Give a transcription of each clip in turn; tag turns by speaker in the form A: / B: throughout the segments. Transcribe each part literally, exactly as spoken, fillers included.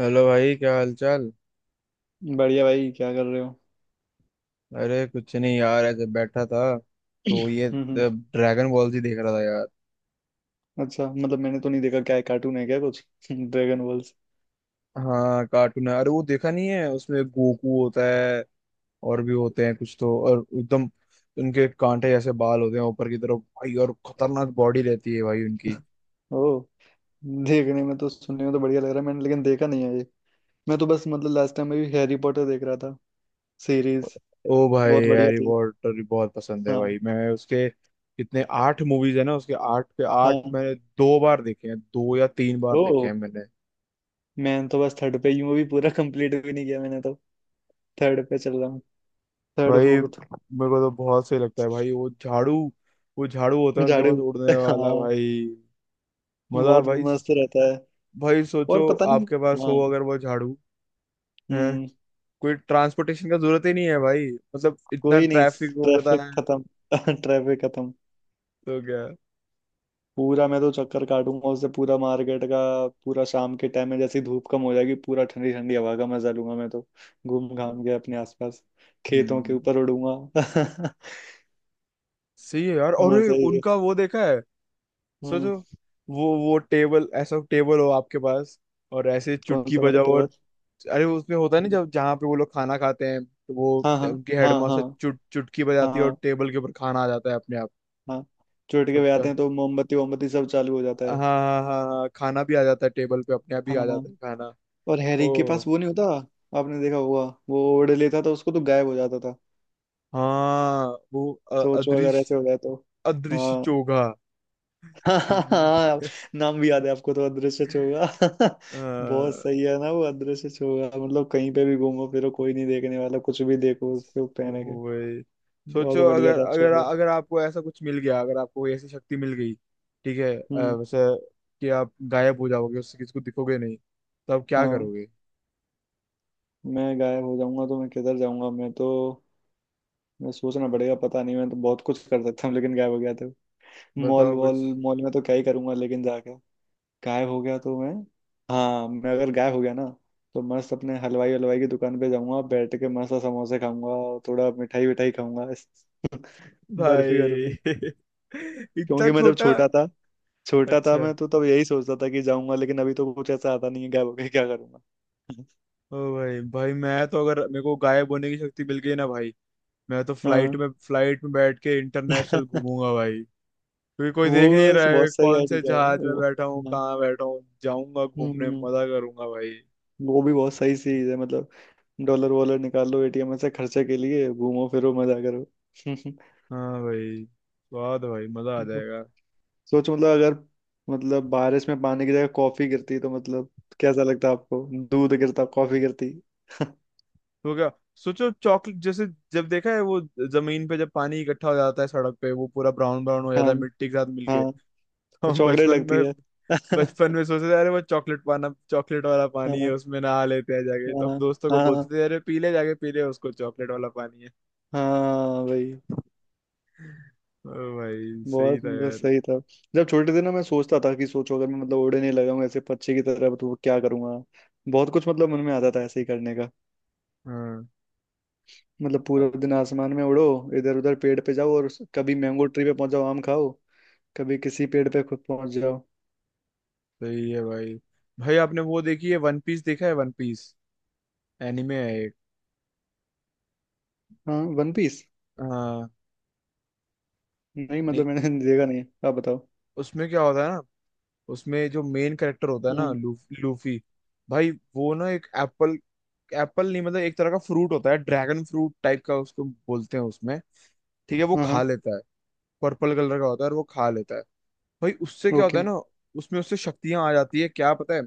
A: Hello भाई, क्या हाल चाल।
B: बढ़िया भाई, क्या कर रहे हो?
A: अरे कुछ नहीं यार, ऐसे बैठा था। तो ये
B: हम्म, हम्म।
A: ड्रैगन बॉल जी देख रहा था यार।
B: अच्छा, मतलब मैंने तो नहीं देखा। क्या है? कार्टून है क्या कुछ? Dragon Balls.
A: हाँ, कार्टून है। अरे वो देखा नहीं है? उसमें गोकू होता है, और भी होते हैं कुछ तो। और एकदम उनके कांटे जैसे बाल होते हैं ऊपर की तरफ भाई, और खतरनाक बॉडी रहती है भाई उनकी।
B: ओ। देखने में तो, सुनने में तो बढ़िया लग रहा है, मैंने लेकिन देखा नहीं है ये। मैं तो बस मतलब लास्ट टाइम में भी हैरी पॉटर देख रहा था। सीरीज
A: ओ भाई,
B: बहुत बढ़िया
A: हैरी
B: थी।
A: पॉटर बहुत पसंद है
B: हाँ,
A: भाई मैं उसके... कितने, आठ मूवीज है ना उसके। आठ के आठ
B: हाँ।
A: मैंने दो बार देखे हैं, दो या तीन बार
B: ओ।
A: देखे हैं मैंने।
B: मैं तो बस थर्ड पे ही हूँ, अभी पूरा कंप्लीट भी नहीं किया मैंने तो। थर्ड पे चल रहा हूँ। थर्ड,
A: भाई
B: फोर्थ।
A: मेरे को तो बहुत सही लगता है भाई वो झाड़ू। वो झाड़ू होता है उनके
B: झाड़ू?
A: पास उड़ने वाला
B: हाँ।
A: भाई। मजा है
B: बहुत
A: भाई।
B: मस्त रहता है।
A: भाई सोचो,
B: और पता नहीं।
A: आपके पास
B: हाँ।
A: हो अगर वो झाड़ू है,
B: हम्म।
A: कोई ट्रांसपोर्टेशन का जरूरत ही नहीं है भाई। मतलब इतना
B: कोई नहीं।
A: ट्रैफिक होता
B: ट्रैफिक
A: है,
B: खत्म। ट्रैफिक खत्म।
A: तो क्या।
B: पूरा मैं तो चक्कर काटूंगा उससे, पूरा मार्केट का। पूरा शाम के टाइम में, जैसे ही धूप कम हो जाएगी, पूरा ठंडी ठंडी हवा का मजा लूंगा मैं तो। घूम घाम के अपने आसपास। खेतों के
A: हम्म,
B: ऊपर उड़ूंगा।
A: सही है यार। और ये
B: मजा ही है।
A: उनका वो देखा है?
B: हम्म।
A: सोचो, वो वो टेबल, ऐसा टेबल हो आपके पास, और ऐसे
B: कौन
A: चुटकी
B: सा वाला
A: बजाओ
B: टेबल?
A: और... अरे वो उसमें होता है ना, जब जहाँ पे वो लोग खाना खाते हैं तो वो
B: हाँ, हाँ,
A: उनकी
B: हाँ, हाँ,
A: हेडमास्टर चुट चुटकी बजाती है और
B: हाँ,
A: टेबल के ऊपर खाना आ जाता है अपने आप।
B: हाँ। चुटके बजाते
A: सबका...
B: हैं तो मोमबत्ती वोमबत्ती सब चालू हो जाता
A: हाँ
B: है।
A: हाँ हाँ हाँ, खाना भी आ जाता है टेबल पे अपने आप ही
B: हाँ,
A: आ
B: हाँ।
A: जाता है खाना।
B: और हैरी के
A: ओ
B: पास वो नहीं होता? आपने देखा होगा। वो ओढ़ लेता था, उसको तो गायब हो जाता था।
A: हाँ, वो अ-
B: सोचो अगर ऐसे
A: अदृश्य...
B: हो जाए तो।
A: अदृश्य
B: हाँ।
A: चोगा।
B: हाँ,
A: अ,
B: हाँ। हाँ, नाम भी याद है आपको तो, अदृश्य चोगा। बहुत सही है ना वो अदृश्य चोगा। मतलब कहीं पे भी घूमो फिरो, कोई नहीं देखने वाला। कुछ भी देखो, उस पे वो पहने के।
A: तो वही। सोचो
B: बहुत बढ़िया
A: अगर
B: था
A: अगर
B: चोगा।
A: अगर आपको ऐसा कुछ मिल गया, अगर आपको कोई ऐसी शक्ति मिल गई, ठीक है, अ,
B: हम्म।
A: वैसे, कि आप गायब हो जाओगे, उससे किसी को दिखोगे नहीं, तो आप क्या
B: हाँ।
A: करोगे?
B: मैं गायब हो जाऊंगा तो मैं किधर जाऊंगा, मैं तो। मैं, सोचना पड़ेगा, पता नहीं। मैं तो बहुत कुछ कर सकता हूँ, लेकिन गायब हो गया था। मॉल
A: बताओ
B: वॉल।
A: कुछ।
B: मॉल में तो क्या ही करूंगा, लेकिन जाके। गायब हो गया तो मैं। हाँ, मैं अगर गायब हो गया ना, तो मस्त अपने हलवाई हलवाई की दुकान पे जाऊंगा, बैठ के मस्त समोसे खाऊंगा, और थोड़ा मिठाई विठाई खाऊंगा। बर्फी
A: भाई
B: बर्फी।
A: इतना
B: क्योंकि मैं जब
A: छोटा।
B: छोटा था, छोटा था
A: अच्छा।
B: मैं तो, तब यही सोचता था कि जाऊंगा, लेकिन अभी तो कुछ ऐसा आता नहीं है, गायब हो गया क्या करूंगा।
A: ओ भाई भाई, मैं तो अगर मेरे को गायब होने की शक्ति मिल गई ना भाई, मैं तो फ्लाइट
B: हाँ।
A: में फ्लाइट में बैठ के इंटरनेशनल घूमूंगा भाई। क्योंकि कोई
B: वो
A: देख नहीं
B: बस
A: रहा है
B: बहुत सही
A: कौन से
B: आइडिया है,
A: जहाज में
B: वो।
A: बैठा हूँ,
B: हाँ।
A: कहाँ बैठा हूँ। जाऊंगा घूमने,
B: हम्म।
A: मजा करूंगा भाई।
B: वो भी बहुत सही चीज है, मतलब। डॉलर वॉलर निकाल लो ए टी एम से, खर्चे के लिए घूमो फिरो, मजा करो।
A: हाँ भाई, स्वाद है भाई, मजा आ जाएगा।
B: सोच, मतलब अगर, मतलब बारिश में पानी की जगह कॉफी गिरती, तो मतलब कैसा लगता आपको? दूध गिरता, कॉफी गिरती।
A: तो क्या, सोचो चॉकलेट जैसे... जब देखा है वो, जमीन पे जब पानी इकट्ठा हो जाता है सड़क पे, वो पूरा ब्राउन ब्राउन हो जाता
B: हाँ,
A: है मिट्टी के साथ मिलके।
B: हाँ।
A: हम
B: चॉकलेट
A: बचपन
B: लगती
A: में
B: है। हाँ,
A: बचपन में सोचते थे, अरे वो चॉकलेट पाना, चॉकलेट वाला पानी है, उसमें नहा लेते हैं जाके। तो
B: हाँ,
A: हम दोस्तों को
B: हाँ।
A: बोलते थे, अरे पी ले, जाके पी ले उसको, चॉकलेट वाला पानी है।
B: हाँ भाई।
A: ओ भाई सही
B: बहुत
A: था
B: मतलब
A: यार।
B: सही था। जब छोटे थे ना, मैं सोचता था कि सोचो अगर मैं मतलब उड़े नहीं लगाऊंगा ऐसे पक्षी की तरह, तो क्या करूंगा। बहुत कुछ मतलब मन में आता था ऐसे ही करने का।
A: हाँ।
B: मतलब
A: अब
B: पूरा दिन आसमान में उड़ो, इधर उधर पेड़ पे जाओ, और कभी मैंगो ट्री पे पहुंच जाओ आम खाओ, कभी किसी पेड़ पे खुद पहुंच जाओ।
A: सही है भाई। भाई आपने वो देखी है, वन पीस? देखा है वन पीस? एनिमे है एक।
B: हाँ, वन पीस।
A: हाँ।
B: नहीं,
A: नहीं,
B: मतलब मैंने देखा नहीं है, आप बताओ।
A: उसमें क्या होता है ना, उसमें जो मेन कैरेक्टर होता है ना
B: हम्म।
A: लू, लूफी भाई। वो ना एक एप्पल... एप्पल नहीं मतलब, एक तरह का फ्रूट होता है, ड्रैगन फ्रूट टाइप का, उसको बोलते हैं उसमें। ठीक है, वो
B: हाँ,
A: खा
B: हाँ।
A: लेता है। पर्पल कलर का होता है, और वो खा लेता है। भाई उससे क्या
B: ओके।
A: होता है ना, उसमें उससे शक्तियां आ जाती है, क्या पता है?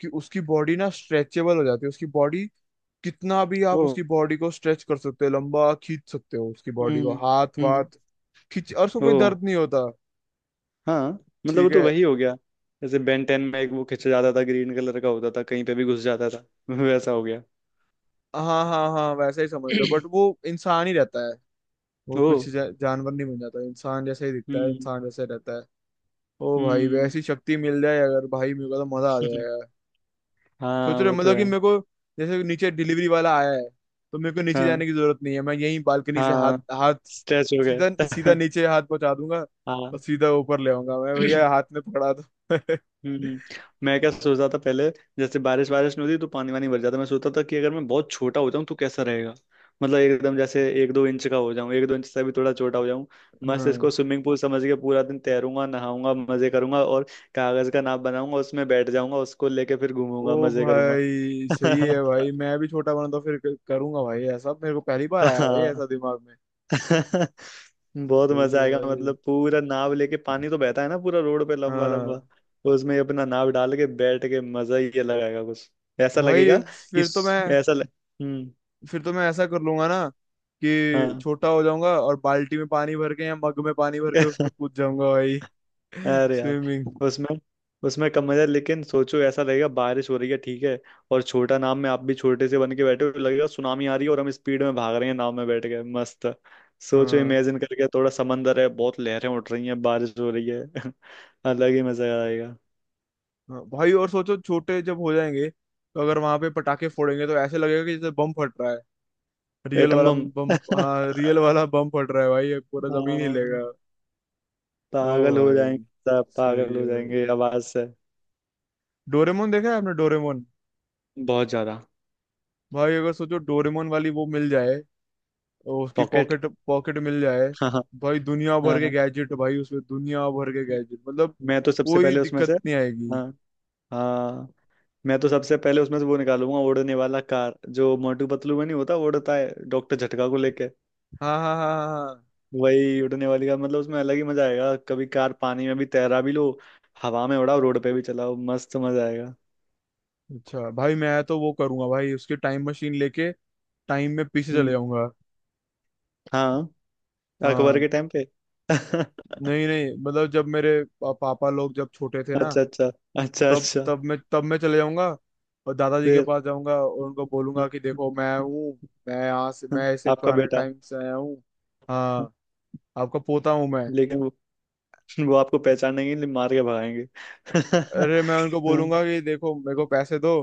A: कि उसकी बॉडी ना स्ट्रेचेबल हो जाती है, उसकी बॉडी कितना भी आप
B: ओ।
A: उसकी बॉडी को स्ट्रेच कर सकते हो, लंबा खींच सकते हो उसकी बॉडी को,
B: हम्म।
A: हाथ
B: हम्म।
A: वाथ खींच, और उसको
B: ओ।
A: कोई दर्द नहीं होता।
B: हाँ। मतलब वो
A: ठीक
B: तो
A: है।
B: वही हो गया, जैसे बेन टेन में एक वो खींचा जाता था, ग्रीन कलर का होता था, कहीं पे भी घुस जाता था। वैसा हो गया।
A: हाँ हाँ हाँ, वैसा ही समझ लो, बट वो इंसान ही रहता है। वो
B: ओ।
A: कुछ जा, जानवर नहीं बन जाता, इंसान जैसा ही दिखता है,
B: हम्म,
A: इंसान जैसा ही रहता है। ओ भाई
B: हम्म।
A: वैसी शक्ति मिल जाए अगर भाई, मेरे को तो मजा आ जाएगा। सोच
B: हाँ,
A: रहे हो
B: वो तो
A: मतलब, कि
B: है।
A: मेरे को, जैसे नीचे डिलीवरी वाला आया है, तो मेरे को नीचे जाने
B: हाँ,
A: की जरूरत नहीं है, मैं यहीं बालकनी से हाथ...
B: हाँ,
A: हाथ
B: स्ट्रेच हो
A: सीधा सीधा
B: गए।
A: नीचे हाथ पहुंचा दूंगा, और
B: हाँ।
A: सीधा ऊपर ले आऊंगा, मैं भैया हाथ में पकड़ा दो।
B: हम्म, हम्म। मैं क्या सोच रहा था पहले? जैसे बारिश बारिश नहीं होती तो पानी वानी भर जाता, मैं सोचता था कि अगर मैं बहुत छोटा हो जाऊं तो कैसा रहेगा। मतलब एकदम जैसे एक दो इंच का हो जाऊं, एक दो इंच से भी थोड़ा छोटा हो जाऊं। मस्त
A: हाँ।
B: इसको स्विमिंग पूल समझ के पूरा दिन तैरूंगा, नहाऊंगा, मजे करूंगा, और कागज का नाव बनाऊंगा, उसमें बैठ जाऊंगा, उसको लेके फिर
A: ओ
B: घूमूंगा, मजे करूंगा।
A: भाई सही है भाई, मैं भी छोटा बना तो फिर क- करूंगा भाई। ऐसा मेरे को पहली बार आया भाई
B: हाँ।
A: ऐसा दिमाग में।
B: बहुत
A: सही
B: मजा
A: है
B: आएगा,
A: भाई।
B: मतलब पूरा नाव लेके। पानी तो बहता है ना पूरा रोड पे, लंबा लंबा।
A: हाँ
B: उसमें अपना नाव डाल के बैठ के मजा ही अलग आएगा कुछ। ऐसा
A: भाई।
B: लगेगा कि
A: फिर तो मैं
B: ऐसा लग... हम्म।
A: फिर तो मैं ऐसा कर लूंगा ना, कि
B: हाँ।
A: छोटा हो जाऊंगा और बाल्टी में पानी भर के या मग में पानी भर के उसमें कूद जाऊंगा भाई।
B: अरे यार,
A: स्विमिंग।
B: उसमें, उसमें कम मजा है, लेकिन सोचो ऐसा लगेगा बारिश हो रही है, ठीक है, और छोटा नाव में आप भी छोटे से बन के बैठे हो, लगेगा सुनामी आ रही है, और हम स्पीड में भाग रहे हैं नाव में बैठ के, मस्त। सोचो,
A: हाँ।
B: इमेजिन करके, थोड़ा समंदर है, बहुत लहरें उठ रही हैं, बारिश हो रही है। अलग ही मजा आएगा।
A: हाँ भाई, और सोचो छोटे जब हो जाएंगे तो अगर वहां पे पटाखे फोड़ेंगे तो ऐसे लगेगा कि जैसे बम फट रहा है, रियल
B: एटम
A: वाला।
B: बम।
A: बम, हाँ रियल वाला बम फट रहा है भाई, ये पूरा जमीन
B: हाँ,
A: हिलेगा। ओ
B: पागल हो
A: भाई
B: जाएंगे। सब
A: सही
B: पागल
A: है
B: हो
A: भाई।
B: जाएंगे आवाज से।
A: डोरेमोन देखा है आपने? डोरेमोन।
B: बहुत ज्यादा।
A: भाई अगर सोचो डोरेमोन वाली वो मिल जाए, और उसकी
B: पॉकेट?
A: पॉकेट पॉकेट मिल जाए,
B: हाँ, हाँ,
A: भाई दुनिया भर
B: हाँ।
A: के
B: हाँ।
A: गैजेट भाई, उसमें दुनिया भर के गैजेट मतलब
B: मैं तो सबसे
A: कोई
B: पहले उसमें से,
A: दिक्कत नहीं आएगी।
B: हाँ, हाँ, मैं तो सबसे पहले उसमें से वो निकालूंगा, उड़ने वाला कार जो मोटू पतलू में नहीं होता, वो उड़ता है डॉक्टर झटका को लेके।
A: हाँ हाँ हाँ हाँ हाँ।
B: वही उड़ने वाली कार, मतलब उसमें अलग ही मजा आएगा, कभी कार पानी में भी तैरा भी लो, हवा में उड़ाओ, रोड पे भी चलाओ, मस्त मजा आएगा।
A: अच्छा भाई, मैं तो वो करूंगा भाई, उसकी टाइम मशीन लेके टाइम में पीछे चले
B: हम्म।
A: जाऊंगा।
B: हाँ, अकबर
A: हाँ।
B: के टाइम पे।
A: नहीं नहीं मतलब, जब मेरे पा, पापा लोग जब छोटे थे ना,
B: अच्छा, अच्छा। अच्छा,
A: तब
B: अच्छा।
A: तब मैं तब मैं चले जाऊंगा, और दादाजी के
B: फिर,
A: पास जाऊंगा और उनको बोलूंगा कि देखो मैं हूँ, मैं यहाँ से, मैं ऐसे
B: आपका
A: पुराने
B: बेटा।
A: टाइम से आया हूँ। हाँ, आपका पोता हूँ मैं।
B: लेकिन वो, वो आपको पहचानेंगे नहीं, मार के भगाएंगे।
A: अरे मैं उनको
B: हाँ।
A: बोलूंगा कि देखो मेरे को पैसे दो,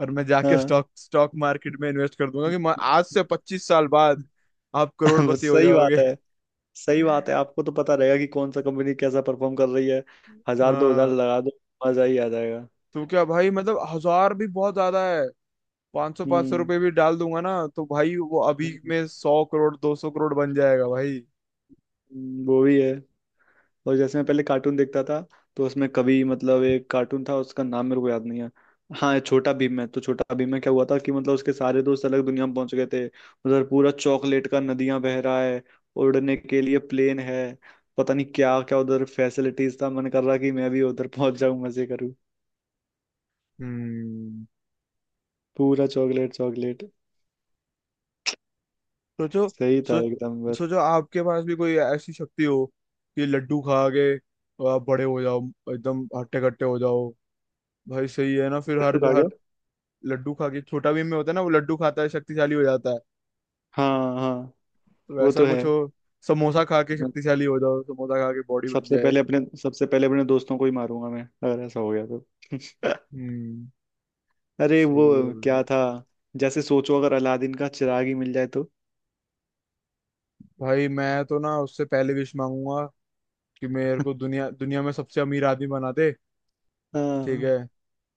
A: और मैं जाके
B: हाँ।
A: स्टॉक स्टॉक मार्केट में इन्वेस्ट कर दूंगा, कि म- आज से पच्चीस साल बाद आप
B: वो
A: करोड़पति हो
B: सही बात है।
A: जाओगे।
B: सही बात है, आपको तो पता रहेगा कि कौन सा कंपनी कैसा परफॉर्म कर रही है। हजार दो हजार
A: हाँ।
B: लगा दो, मजा ही आ जाएगा।
A: तो क्या भाई, मतलब हजार भी बहुत ज्यादा है, पाँच सौ पाँच सौ
B: हम्म।
A: रुपये भी डाल दूंगा ना। तो भाई वो अभी
B: हम्म,
A: में सौ करोड़, दो सौ करोड़ बन जाएगा भाई।
B: वो भी है। और जैसे मैं पहले कार्टून देखता था, तो उसमें कभी मतलब एक कार्टून था, उसका नाम मेरे को याद नहीं है। हाँ, छोटा भीम है। तो छोटा भीम में क्या हुआ था कि मतलब उसके सारे दोस्त अलग दुनिया में पहुंच गए थे, उधर पूरा चॉकलेट का नदियां बह रहा है, उड़ने के लिए प्लेन है, पता नहीं क्या क्या उधर फैसिलिटीज था। मन कर रहा कि मैं भी उधर पहुंच जाऊं, मजे करूं।
A: हम्म।
B: पूरा चॉकलेट चॉकलेट।
A: सोचो,
B: सही था
A: सो
B: एकदम, बस।
A: सोचो आपके पास भी कोई ऐसी शक्ति हो, कि लड्डू खा के आप बड़े हो जाओ, एकदम हट्टे कट्टे हो जाओ। भाई सही है ना। फिर हर
B: लड्डू खा गया।
A: हर लड्डू खा के... छोटा भीम में होता है ना, वो लड्डू खाता है, शक्तिशाली हो जाता है,
B: हाँ, हाँ,
A: तो
B: वो
A: वैसा
B: तो
A: कुछ
B: है।
A: हो। समोसा खा के
B: मैं
A: शक्तिशाली हो जाओ, समोसा खा के बॉडी बन
B: सबसे
A: जाए।
B: पहले अपने सबसे पहले अपने दोस्तों को ही मारूंगा मैं, अगर ऐसा हो गया तो।
A: हम्म।
B: अरे वो
A: सही है भाई।
B: क्या था, जैसे सोचो अगर अलादीन का चिराग ही मिल जाए तो।
A: भाई, मैं तो ना उससे पहले विश मांगूंगा, कि मेरे को दुनिया दुनिया में सबसे अमीर आदमी बना दे। ठीक
B: हाँ।
A: है।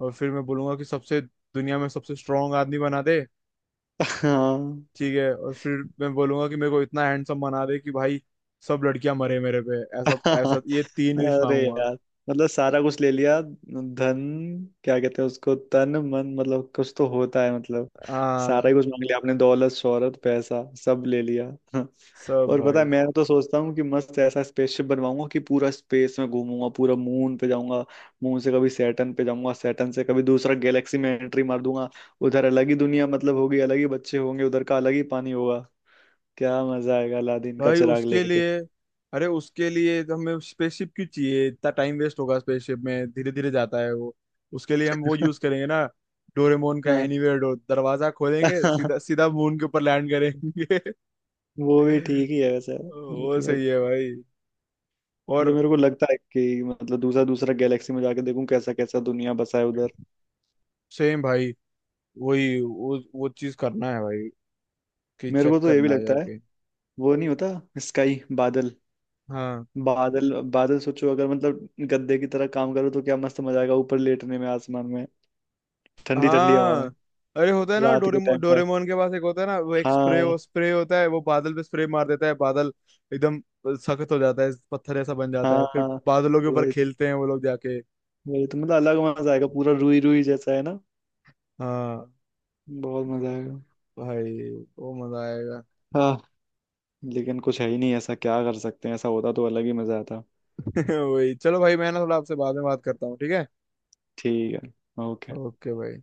A: और फिर मैं बोलूंगा कि सबसे, दुनिया में सबसे स्ट्रांग आदमी बना दे।
B: हाँ।
A: ठीक है। और फिर मैं बोलूंगा कि मेरे को इतना हैंडसम बना दे कि भाई सब लड़कियां मरे मेरे पे, ऐसा ऐसा, ये तीन विश
B: अरे
A: मांगूंगा।
B: यार, मतलब सारा कुछ ले लिया, धन, क्या कहते हैं उसको, तन मन, मतलब कुछ तो होता है मतलब। सारा
A: हाँ,
B: ही कुछ मांग लिया आपने, दौलत, शोहरत, पैसा, सब ले लिया।
A: सब
B: और पता है,
A: भाई।
B: मैं तो सोचता हूँ कि मस्त ऐसा स्पेसशिप बनवाऊंगा कि पूरा स्पेस में घूमूंगा, पूरा मून पे जाऊंगा, मून से कभी सैटर्न पे जाऊंगा, सैटर्न से कभी दूसरा गैलेक्सी में एंट्री मार दूंगा, उधर अलग ही दुनिया मतलब होगी, अलग ही बच्चे होंगे उधर का, अलग ही पानी होगा। क्या मजा आएगा अलादीन का
A: भाई
B: चिराग
A: उसके
B: लेके।
A: लिए... अरे उसके लिए तो हमें स्पेसशिप क्यों चाहिए, इतना टाइम वेस्ट होगा, स्पेसशिप में धीरे धीरे जाता है वो। उसके लिए हम वो यूज करेंगे ना, डोरेमोन का
B: हाँ।
A: एनीवेयर डोर, दरवाजा खोलेंगे सीधा सीधा मून के ऊपर लैंड करेंगे।
B: वो भी ठीक ही है वैसे।
A: वो
B: मतलब
A: सही है भाई।
B: मतलब
A: और
B: मेरे को लगता है कि मतलब दूसरा दूसरा गैलेक्सी में जाके देखूं कैसा कैसा दुनिया बसा है उधर।
A: सेम भाई, वही वो वो चीज करना है भाई, कि
B: मेरे को
A: चेक
B: तो ये भी
A: करना है
B: लगता है,
A: जाके।
B: वो नहीं होता, स्काई, बादल,
A: हाँ
B: बादल बादल, सोचो अगर मतलब गद्दे की तरह काम करो तो क्या मस्त मजा आएगा ऊपर लेटने में, आसमान में, ठंडी ठंडी हवा
A: हाँ।
B: में।
A: अरे होता है ना
B: रात के
A: डोरेमोन,
B: टाइम पे।
A: डोरेमोन के पास एक होता है ना, वो एक स्प्रे
B: हाँ।
A: हो, स्प्रे होता है, वो बादल पे स्प्रे मार देता है, बादल एकदम सख्त हो जाता है, पत्थर ऐसा बन जाता है, फिर
B: हाँ,
A: बादलों के ऊपर
B: वही तो,
A: खेलते हैं वो लोग जाके।
B: वही तो मतलब अलग मजा आएगा, पूरा रुई रुई जैसा है ना,
A: हाँ
B: बहुत मजा आएगा।
A: भाई, वो मजा आएगा।
B: हाँ। लेकिन कुछ है ही नहीं ऐसा, क्या कर सकते हैं। ऐसा होता तो अलग ही मजा आता।
A: वही, चलो भाई मैं ना थोड़ा आपसे बाद में बात करता हूँ, ठीक है?
B: ठीक है। ओके।
A: ओके भाई।